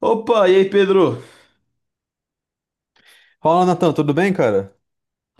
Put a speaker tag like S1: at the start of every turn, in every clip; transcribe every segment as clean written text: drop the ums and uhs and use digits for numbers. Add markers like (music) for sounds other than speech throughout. S1: Opa, e aí, Pedro?
S2: Fala, Natan, tudo bem, cara?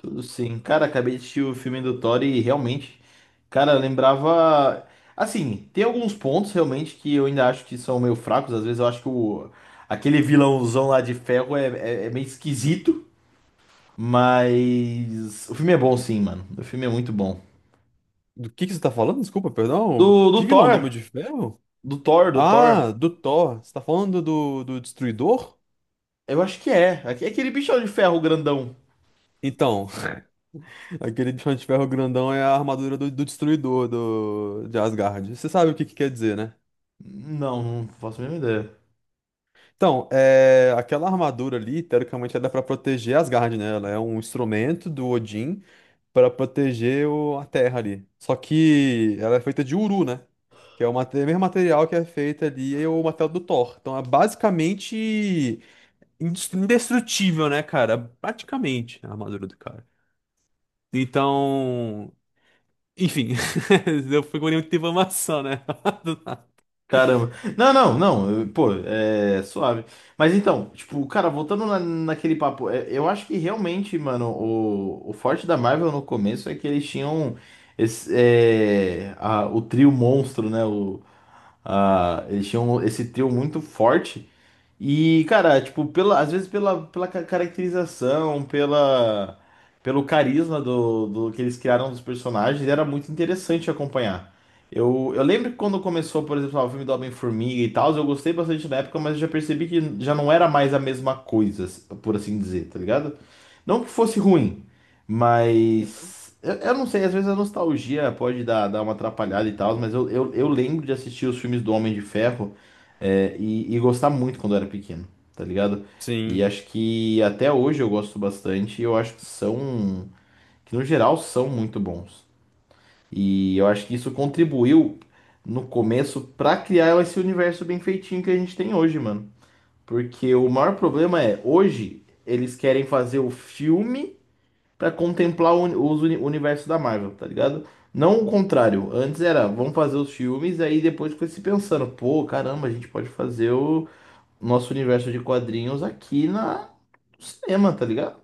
S1: Tudo sim. Cara, acabei de assistir o filme do Thor e realmente, cara, lembrava. Assim, tem alguns pontos realmente que eu ainda acho que são meio fracos. Às vezes eu acho que aquele vilãozão lá de ferro é meio esquisito. Mas o filme é bom sim, mano. O filme é muito bom.
S2: Do que você tá falando? Desculpa, perdão.
S1: Do,
S2: Que
S1: do
S2: vilão do Homem
S1: Thor?
S2: de Ferro?
S1: Do Thor, do Thor.
S2: Ah, do Thor. Você tá falando do Destruidor?
S1: Eu acho que é. Aquele bichão de ferro grandão.
S2: Então, (laughs) aquele bichão de ferro grandão é a armadura do Destruidor de Asgard. Você sabe o que que quer dizer, né?
S1: Não, não faço a mínima ideia.
S2: Então, aquela armadura ali, teoricamente, ela é pra proteger Asgard, né? Ela é um instrumento do Odin para proteger a terra ali. Só que ela é feita de uru, né? Que é o mesmo material que é feito ali, é o material do Thor. Então é basicamente indestrutível, né, cara? Praticamente a armadura do cara. Então, enfim, (laughs) eu fui com muita informação, né? (laughs) Do nada.
S1: Caramba. Não, não, não. Pô, é suave. Mas então, tipo, cara, voltando naquele papo, eu acho que realmente, mano, o forte da Marvel no começo é que eles tinham esse, o trio monstro, né? Eles tinham esse trio muito forte. E, cara, tipo, às vezes caracterização, pelo carisma do que eles criaram dos personagens, era muito interessante acompanhar. Eu lembro que quando começou, por exemplo, lá, o filme do Homem-Formiga e tal, eu gostei bastante na época, mas eu já percebi que já não era mais a mesma coisa, por assim dizer, tá ligado? Não que fosse ruim, mas eu não sei, às vezes a nostalgia pode dar uma atrapalhada e tal, mas eu lembro de assistir os filmes do Homem de Ferro. E gostar muito quando eu era pequeno, tá ligado? E
S2: Sim.
S1: acho que até hoje eu gosto bastante e eu acho que são, que no geral são muito bons. E eu acho que isso contribuiu no começo pra criar esse universo bem feitinho que a gente tem hoje, mano. Porque o maior problema é, hoje eles querem fazer o filme pra contemplar o universo da Marvel, tá ligado? Não o contrário. Antes era, vamos fazer os filmes, aí depois foi se pensando, pô, caramba, a gente pode fazer o nosso universo de quadrinhos aqui na no cinema, tá ligado?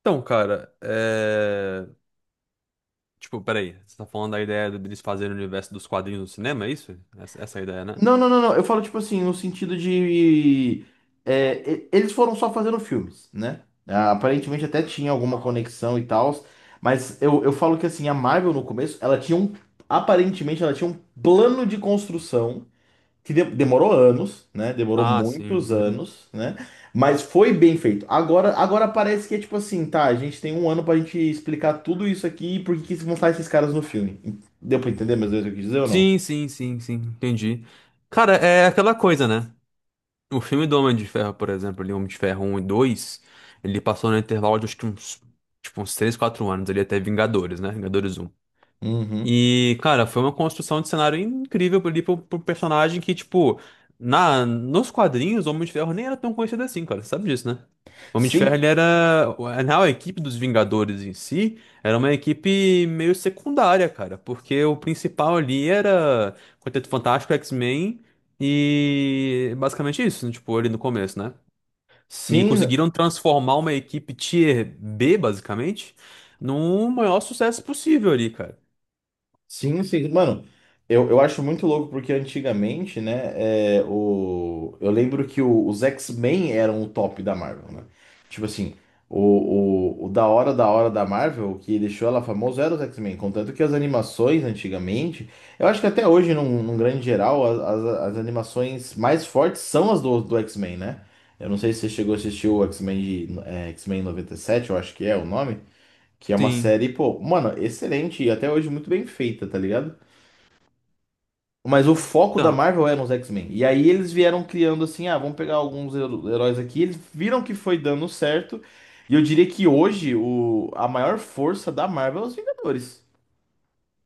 S2: Então, cara. Tipo, peraí, você tá falando da ideia deles fazerem o universo dos quadrinhos no cinema, é isso? Essa é a ideia, né?
S1: Não, não, não, não. Eu falo, tipo assim, no sentido de. Eles foram só fazendo filmes, né? Ah, aparentemente até tinha alguma conexão e tal. Mas eu falo que assim, a Marvel no começo, ela tinha um. Aparentemente ela tinha um plano de construção que demorou anos, né? Demorou
S2: Ah,
S1: muitos
S2: sim. Uhum.
S1: anos, né? Mas foi bem feito. Agora parece que é tipo assim, tá? A gente tem um ano pra gente explicar tudo isso aqui e por que que vão estar esses caras no filme. Deu pra entender mais ou menos o que eu quis dizer ou não?
S2: Sim, sim, sim, sim, entendi. Cara, é aquela coisa, né? O filme do Homem de Ferro, por exemplo, ali, Homem de Ferro um e 2 ele passou no intervalo de acho que uns, tipo, uns 3 4 anos ali até Vingadores, né? Vingadores um.
S1: Uhum.
S2: E, cara, foi uma construção de cenário incrível ali pro personagem que, tipo, nos quadrinhos, o Homem de Ferro nem era tão conhecido assim, cara. Você sabe disso, né? O Homem de Ferro,
S1: Sim,
S2: ele era. Na real, a equipe dos Vingadores em si era uma equipe meio secundária, cara. Porque o principal ali era Quarteto Fantástico, X-Men e basicamente isso, né, tipo, ali no começo, né? E
S1: sim.
S2: conseguiram transformar uma equipe Tier B, basicamente, num maior sucesso possível ali, cara.
S1: Sim, sim. Mano, eu acho muito louco porque antigamente, né, eu lembro que os X-Men eram o top da Marvel, né? Tipo assim, o da hora da hora da Marvel, o que deixou ela famosa era os X-Men. Contanto que as animações antigamente, eu acho que até hoje, num grande geral, as animações mais fortes são as do X-Men, né? Eu não sei se você chegou a assistir o X-Men X-Men 97 eu acho que é o nome. Que é uma
S2: Sim.
S1: série, pô, mano, excelente e até hoje muito bem feita, tá ligado? Mas o foco da
S2: Então.
S1: Marvel era os X-Men. E aí eles vieram criando assim, ah, vamos pegar alguns heróis aqui. Eles viram que foi dando certo. E eu diria que hoje a maior força da Marvel é os Vingadores.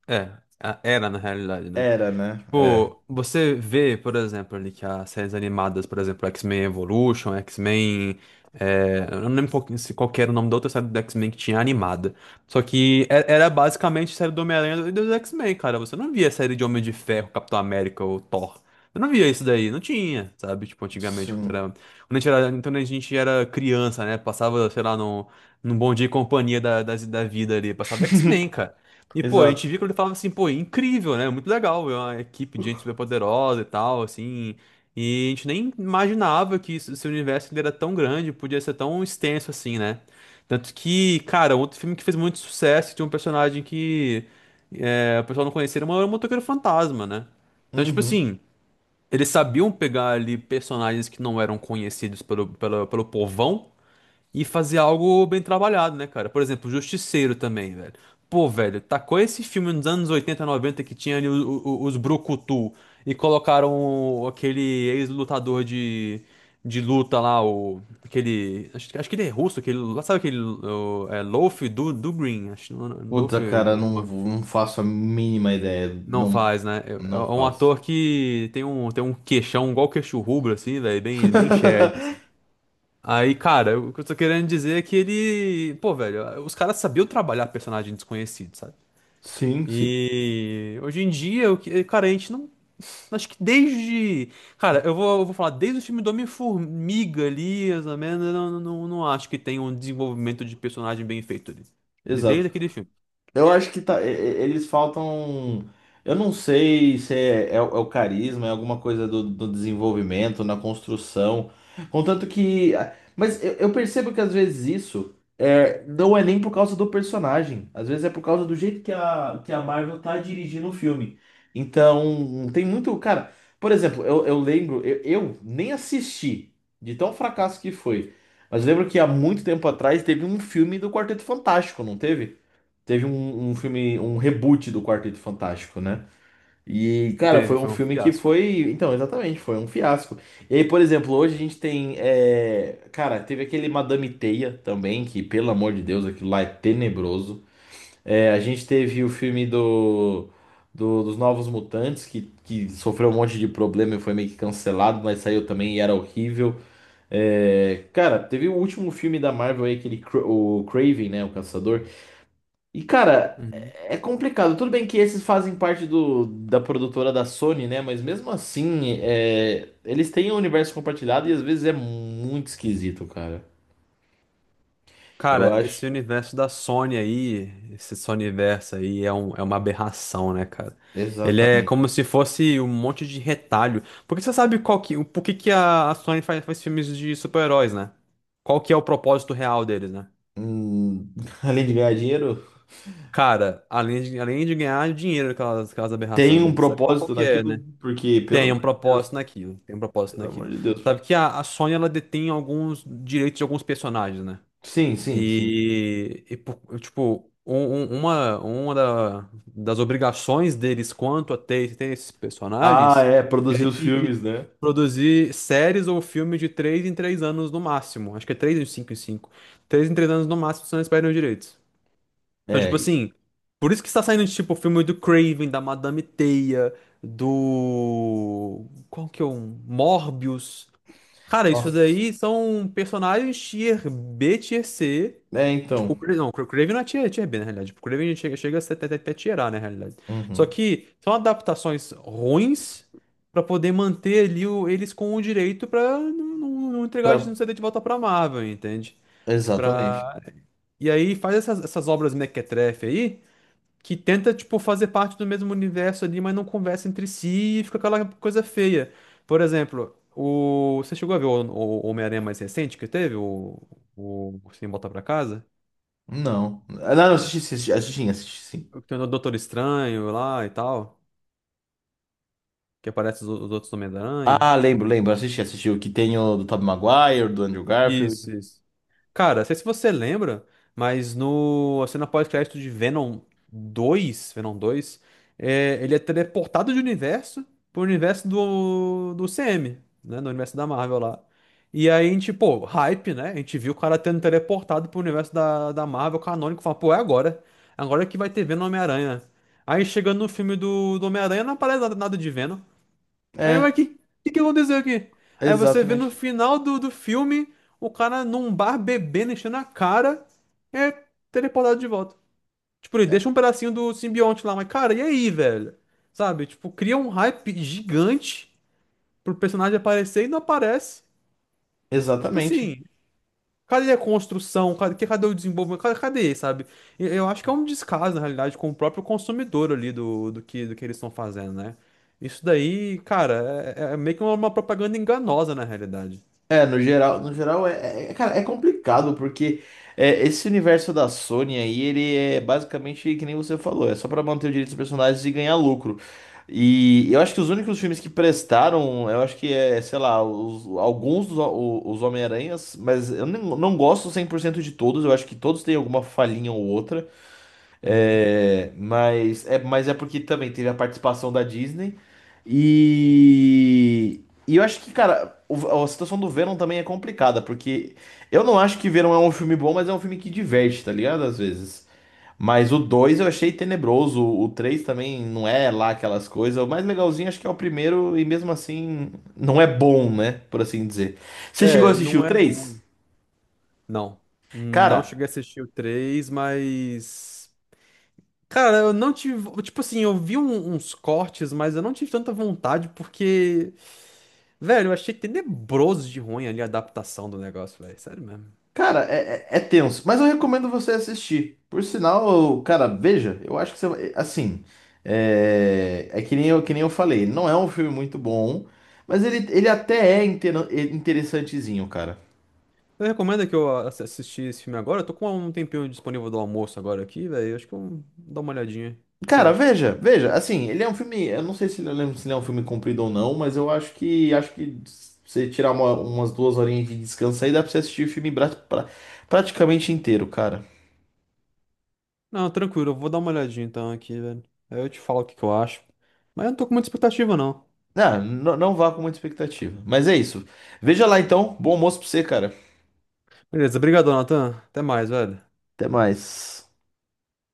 S2: É, era na realidade, né?
S1: Era, né? É.
S2: Tipo, você vê, por exemplo, ali que as séries animadas, por exemplo, X-Men Evolution, X-Men. Eu não lembro se qual que era o nome da outra série do X-Men que tinha animada. Só que era basicamente série do Homem-Aranha e dos X-Men, cara. Você não via série de Homem de Ferro, Capitão América ou Thor. Eu não via isso daí, não tinha, sabe? Tipo, antigamente, quando
S1: Sim.
S2: era, quando a gente era, quando a gente era criança, né? Passava, sei lá, num Bom Dia e Companhia da vida ali, passava X-Men,
S1: (laughs)
S2: e, pô, a
S1: Exato.
S2: gente viu que ele falava assim, pô, é incrível, né? Muito legal, é uma equipe de gente super poderosa e tal, assim. E a gente nem imaginava que esse universo ele era tão grande, podia ser tão extenso assim, né? Tanto que, cara, outro filme que fez muito sucesso, tinha um personagem que é, o pessoal não conhecia, era um motoqueiro fantasma, né? Então, tipo
S1: Uhum.
S2: assim, eles sabiam pegar ali personagens que não eram conhecidos pelo povão e fazer algo bem trabalhado, né, cara? Por exemplo, Justiceiro também, velho. Pô, velho, tacou esse filme nos anos 80 90 que tinha ali os Brucutu e colocaram aquele ex-lutador de luta lá, aquele. Acho que ele é russo, aquele. Sabe aquele. É, Loaf do Green? Acho, Loaf
S1: Puta, cara, não,
S2: alguma.
S1: não faço a mínima ideia.
S2: Não
S1: Não,
S2: faz, né? É
S1: não
S2: um
S1: faço.
S2: ator que tem tem um queixão, igual queixo rubro, assim, velho, bem shed,
S1: (laughs)
S2: assim. Aí, cara, o que eu tô querendo dizer é que ele. Pô, velho, os caras sabiam trabalhar personagem desconhecido, sabe?
S1: Sim, sim.
S2: E hoje em dia, o que, cara, a gente não. Acho que desde. Cara, eu vou falar, desde o filme do Homem-Formiga ali, mais ou menos, eu não acho que tem um desenvolvimento de personagem bem feito ali. Desde
S1: Exato.
S2: aquele filme.
S1: Eu acho que tá, eles faltam. Eu não sei se é o carisma, é alguma coisa do desenvolvimento, na construção. Contanto que. Mas eu percebo que às vezes não é nem por causa do personagem. Às vezes é por causa do jeito que a Marvel tá dirigindo o filme. Então, tem muito. Cara, por exemplo, eu lembro, eu nem assisti, de tão fracasso que foi. Mas lembro que há muito tempo atrás teve um filme do Quarteto Fantástico, não teve? Teve um filme, um reboot do Quarteto Fantástico, né? E, cara,
S2: Teve,
S1: foi um
S2: foi um
S1: filme que
S2: fiasco.
S1: foi. Então, exatamente, foi um fiasco. E aí, por exemplo, hoje a gente tem. Cara, teve aquele Madame Teia também, que, pelo amor de Deus, aquilo lá é tenebroso. É, a gente teve o filme dos Novos Mutantes, que sofreu um monte de problema e foi meio que cancelado, mas saiu também e era horrível. É, cara, teve o último filme da Marvel aí, aquele o Craven, né? O Caçador. E, cara,
S2: Uhum.
S1: é complicado. Tudo bem que esses fazem parte da produtora da Sony, né? Mas mesmo assim, eles têm um universo compartilhado e às vezes é muito esquisito, cara. Eu
S2: Cara,
S1: acho.
S2: esse universo da Sony aí, esse Sony universo aí é uma aberração, né, cara? Ele é
S1: Exatamente.
S2: como se fosse um monte de retalho. Porque você sabe qual que, por que que a Sony faz filmes de super-heróis, né? Qual que é o propósito real deles, né?
S1: Hum, (laughs) além de ganhar dinheiro,
S2: Cara, além de ganhar dinheiro com aquelas
S1: tem
S2: aberrações,
S1: um
S2: né? Sabe qual
S1: propósito
S2: que é,
S1: naquilo,
S2: né?
S1: porque, pelo
S2: Tem um
S1: amor de
S2: propósito
S1: Deus,
S2: naquilo, tem um propósito
S1: pelo
S2: naquilo.
S1: amor de Deus.
S2: Sabe que a Sony, ela detém alguns direitos de alguns personagens, né?
S1: Sim, sim, sim.
S2: E, pô, tipo, uma das obrigações deles quanto a ter esses
S1: Ah,
S2: personagens
S1: é, produzir
S2: é
S1: os
S2: que de
S1: filmes, né?
S2: produzir séries ou filmes de 3 em 3 anos no máximo. Acho que é três em cinco em cinco. 3 em 3 anos no máximo, senão eles perdem os direitos. Então,
S1: É.
S2: tipo assim, por isso que está saindo, tipo, o filme do Craven, da Madame Teia, do. Qual que é um? Morbius. Cara, isso
S1: Nossa.
S2: daí são personagens tier B, tier C.
S1: É,
S2: Tipo,
S1: então.
S2: Não, o Craven não é tier B, na realidade. Tipo, o Craven chega a ser até tier A, na realidade. Só
S1: Uhum.
S2: que são adaptações ruins pra poder manter ali eles com o direito pra não entregar, não
S1: Pra...
S2: ceder de volta pra Marvel, entende?
S1: Exatamente.
S2: Pra... E aí faz essas, essas obras mequetrefe aí que tenta, tipo, fazer parte do mesmo universo ali, mas não conversa entre si e fica aquela coisa feia. Por exemplo, você chegou a ver o Homem-Aranha mais recente que teve? O Sem Volta Pra Casa?
S1: Não. Ah, não, não, assisti, assisti, assisti, assisti, sim.
S2: Tem o Doutor Estranho lá e tal, que aparece os outros Homem-Aranha.
S1: Ah, lembro, lembro, assisti, assisti o que tem o do Tobey Maguire, do Andrew
S2: Isso,
S1: Garfield.
S2: isso. Cara, não sei se você lembra, mas no a cena pós-crédito de Venom 2, ele é teleportado de universo pro universo do CM, né? Do universo da Marvel lá. E aí a gente, pô, hype, né? A gente viu o cara tendo teleportado pro universo da Marvel canônico, fala, pô, é agora. Agora que vai ter Venom e Homem-Aranha. Aí chegando no filme do Homem-Aranha, não aparece nada, nada de Venom. Aí ué,
S1: É,
S2: que aconteceu aqui? Aí você vê no
S1: exatamente.
S2: final do filme o cara num bar bebendo, enchendo a cara, é teleportado de volta. Tipo, ele
S1: É,
S2: deixa um pedacinho do simbionte lá, mas cara, e aí, velho? Sabe? Tipo, cria um hype gigante pro personagem aparecer e não aparece. Tipo
S1: exatamente.
S2: assim. Cadê a construção? Cadê, cadê o desenvolvimento? Cadê, cadê, sabe? Eu acho que é um descaso, na realidade, com o próprio consumidor ali do, do que eles estão fazendo, né? Isso daí, cara, é meio que uma propaganda enganosa, na realidade.
S1: É, no geral, no geral é, cara, é complicado porque esse universo da Sony aí, ele é basicamente que nem você falou, é só pra manter o direito dos personagens e ganhar lucro. E eu acho que os únicos filmes que prestaram, eu acho que sei lá, alguns dos os Homem-Aranhas, mas eu não gosto 100% de todos, eu acho que todos têm alguma falhinha ou outra.
S2: Uhum.
S1: É, mas é porque também teve a participação da Disney. E, e eu acho que, cara, a situação do Venom também é complicada, porque eu não acho que Venom é um filme bom, mas é um filme que diverte, tá ligado? Às vezes. Mas o 2 eu achei tenebroso, o 3 também não é lá aquelas coisas. O mais legalzinho acho que é o primeiro, e mesmo assim não é bom, né? Por assim dizer. Você chegou a
S2: É,
S1: assistir o
S2: não é
S1: 3?
S2: bom. Não. Não
S1: Cara.
S2: cheguei a assistir o 3, mas. Cara, eu não tive. Tipo assim, eu vi uns cortes, mas eu não tive tanta vontade, porque. Velho, eu achei tenebroso de ruim ali a adaptação do negócio, velho. Sério mesmo.
S1: Cara, é tenso, mas eu recomendo você assistir. Por sinal, cara, veja, eu acho que você vai. Assim, é que nem eu, falei, não é um filme muito bom, mas ele até é interessantezinho, cara.
S2: Você recomenda que eu assisti esse filme agora? Eu tô com um tempinho disponível do almoço agora aqui, velho. Acho que eu vou dar uma olhadinha. O que você
S1: Cara,
S2: acha?
S1: veja, veja, assim, ele é um filme. Eu não sei se ele, eu lembro se ele é um filme comprido ou não, mas eu acho que se você tirar umas duas horinhas de descanso aí, dá pra você assistir o filme praticamente inteiro, cara.
S2: Não, tranquilo, eu vou dar uma olhadinha então aqui, velho. Aí eu te falo o que que eu acho. Mas eu não tô com muita expectativa, não.
S1: Ah, não vá com muita expectativa. Mas é isso. Veja lá então. Bom almoço pra você, cara.
S2: Beleza, obrigado, Nathan. Até mais, velho.
S1: Até mais.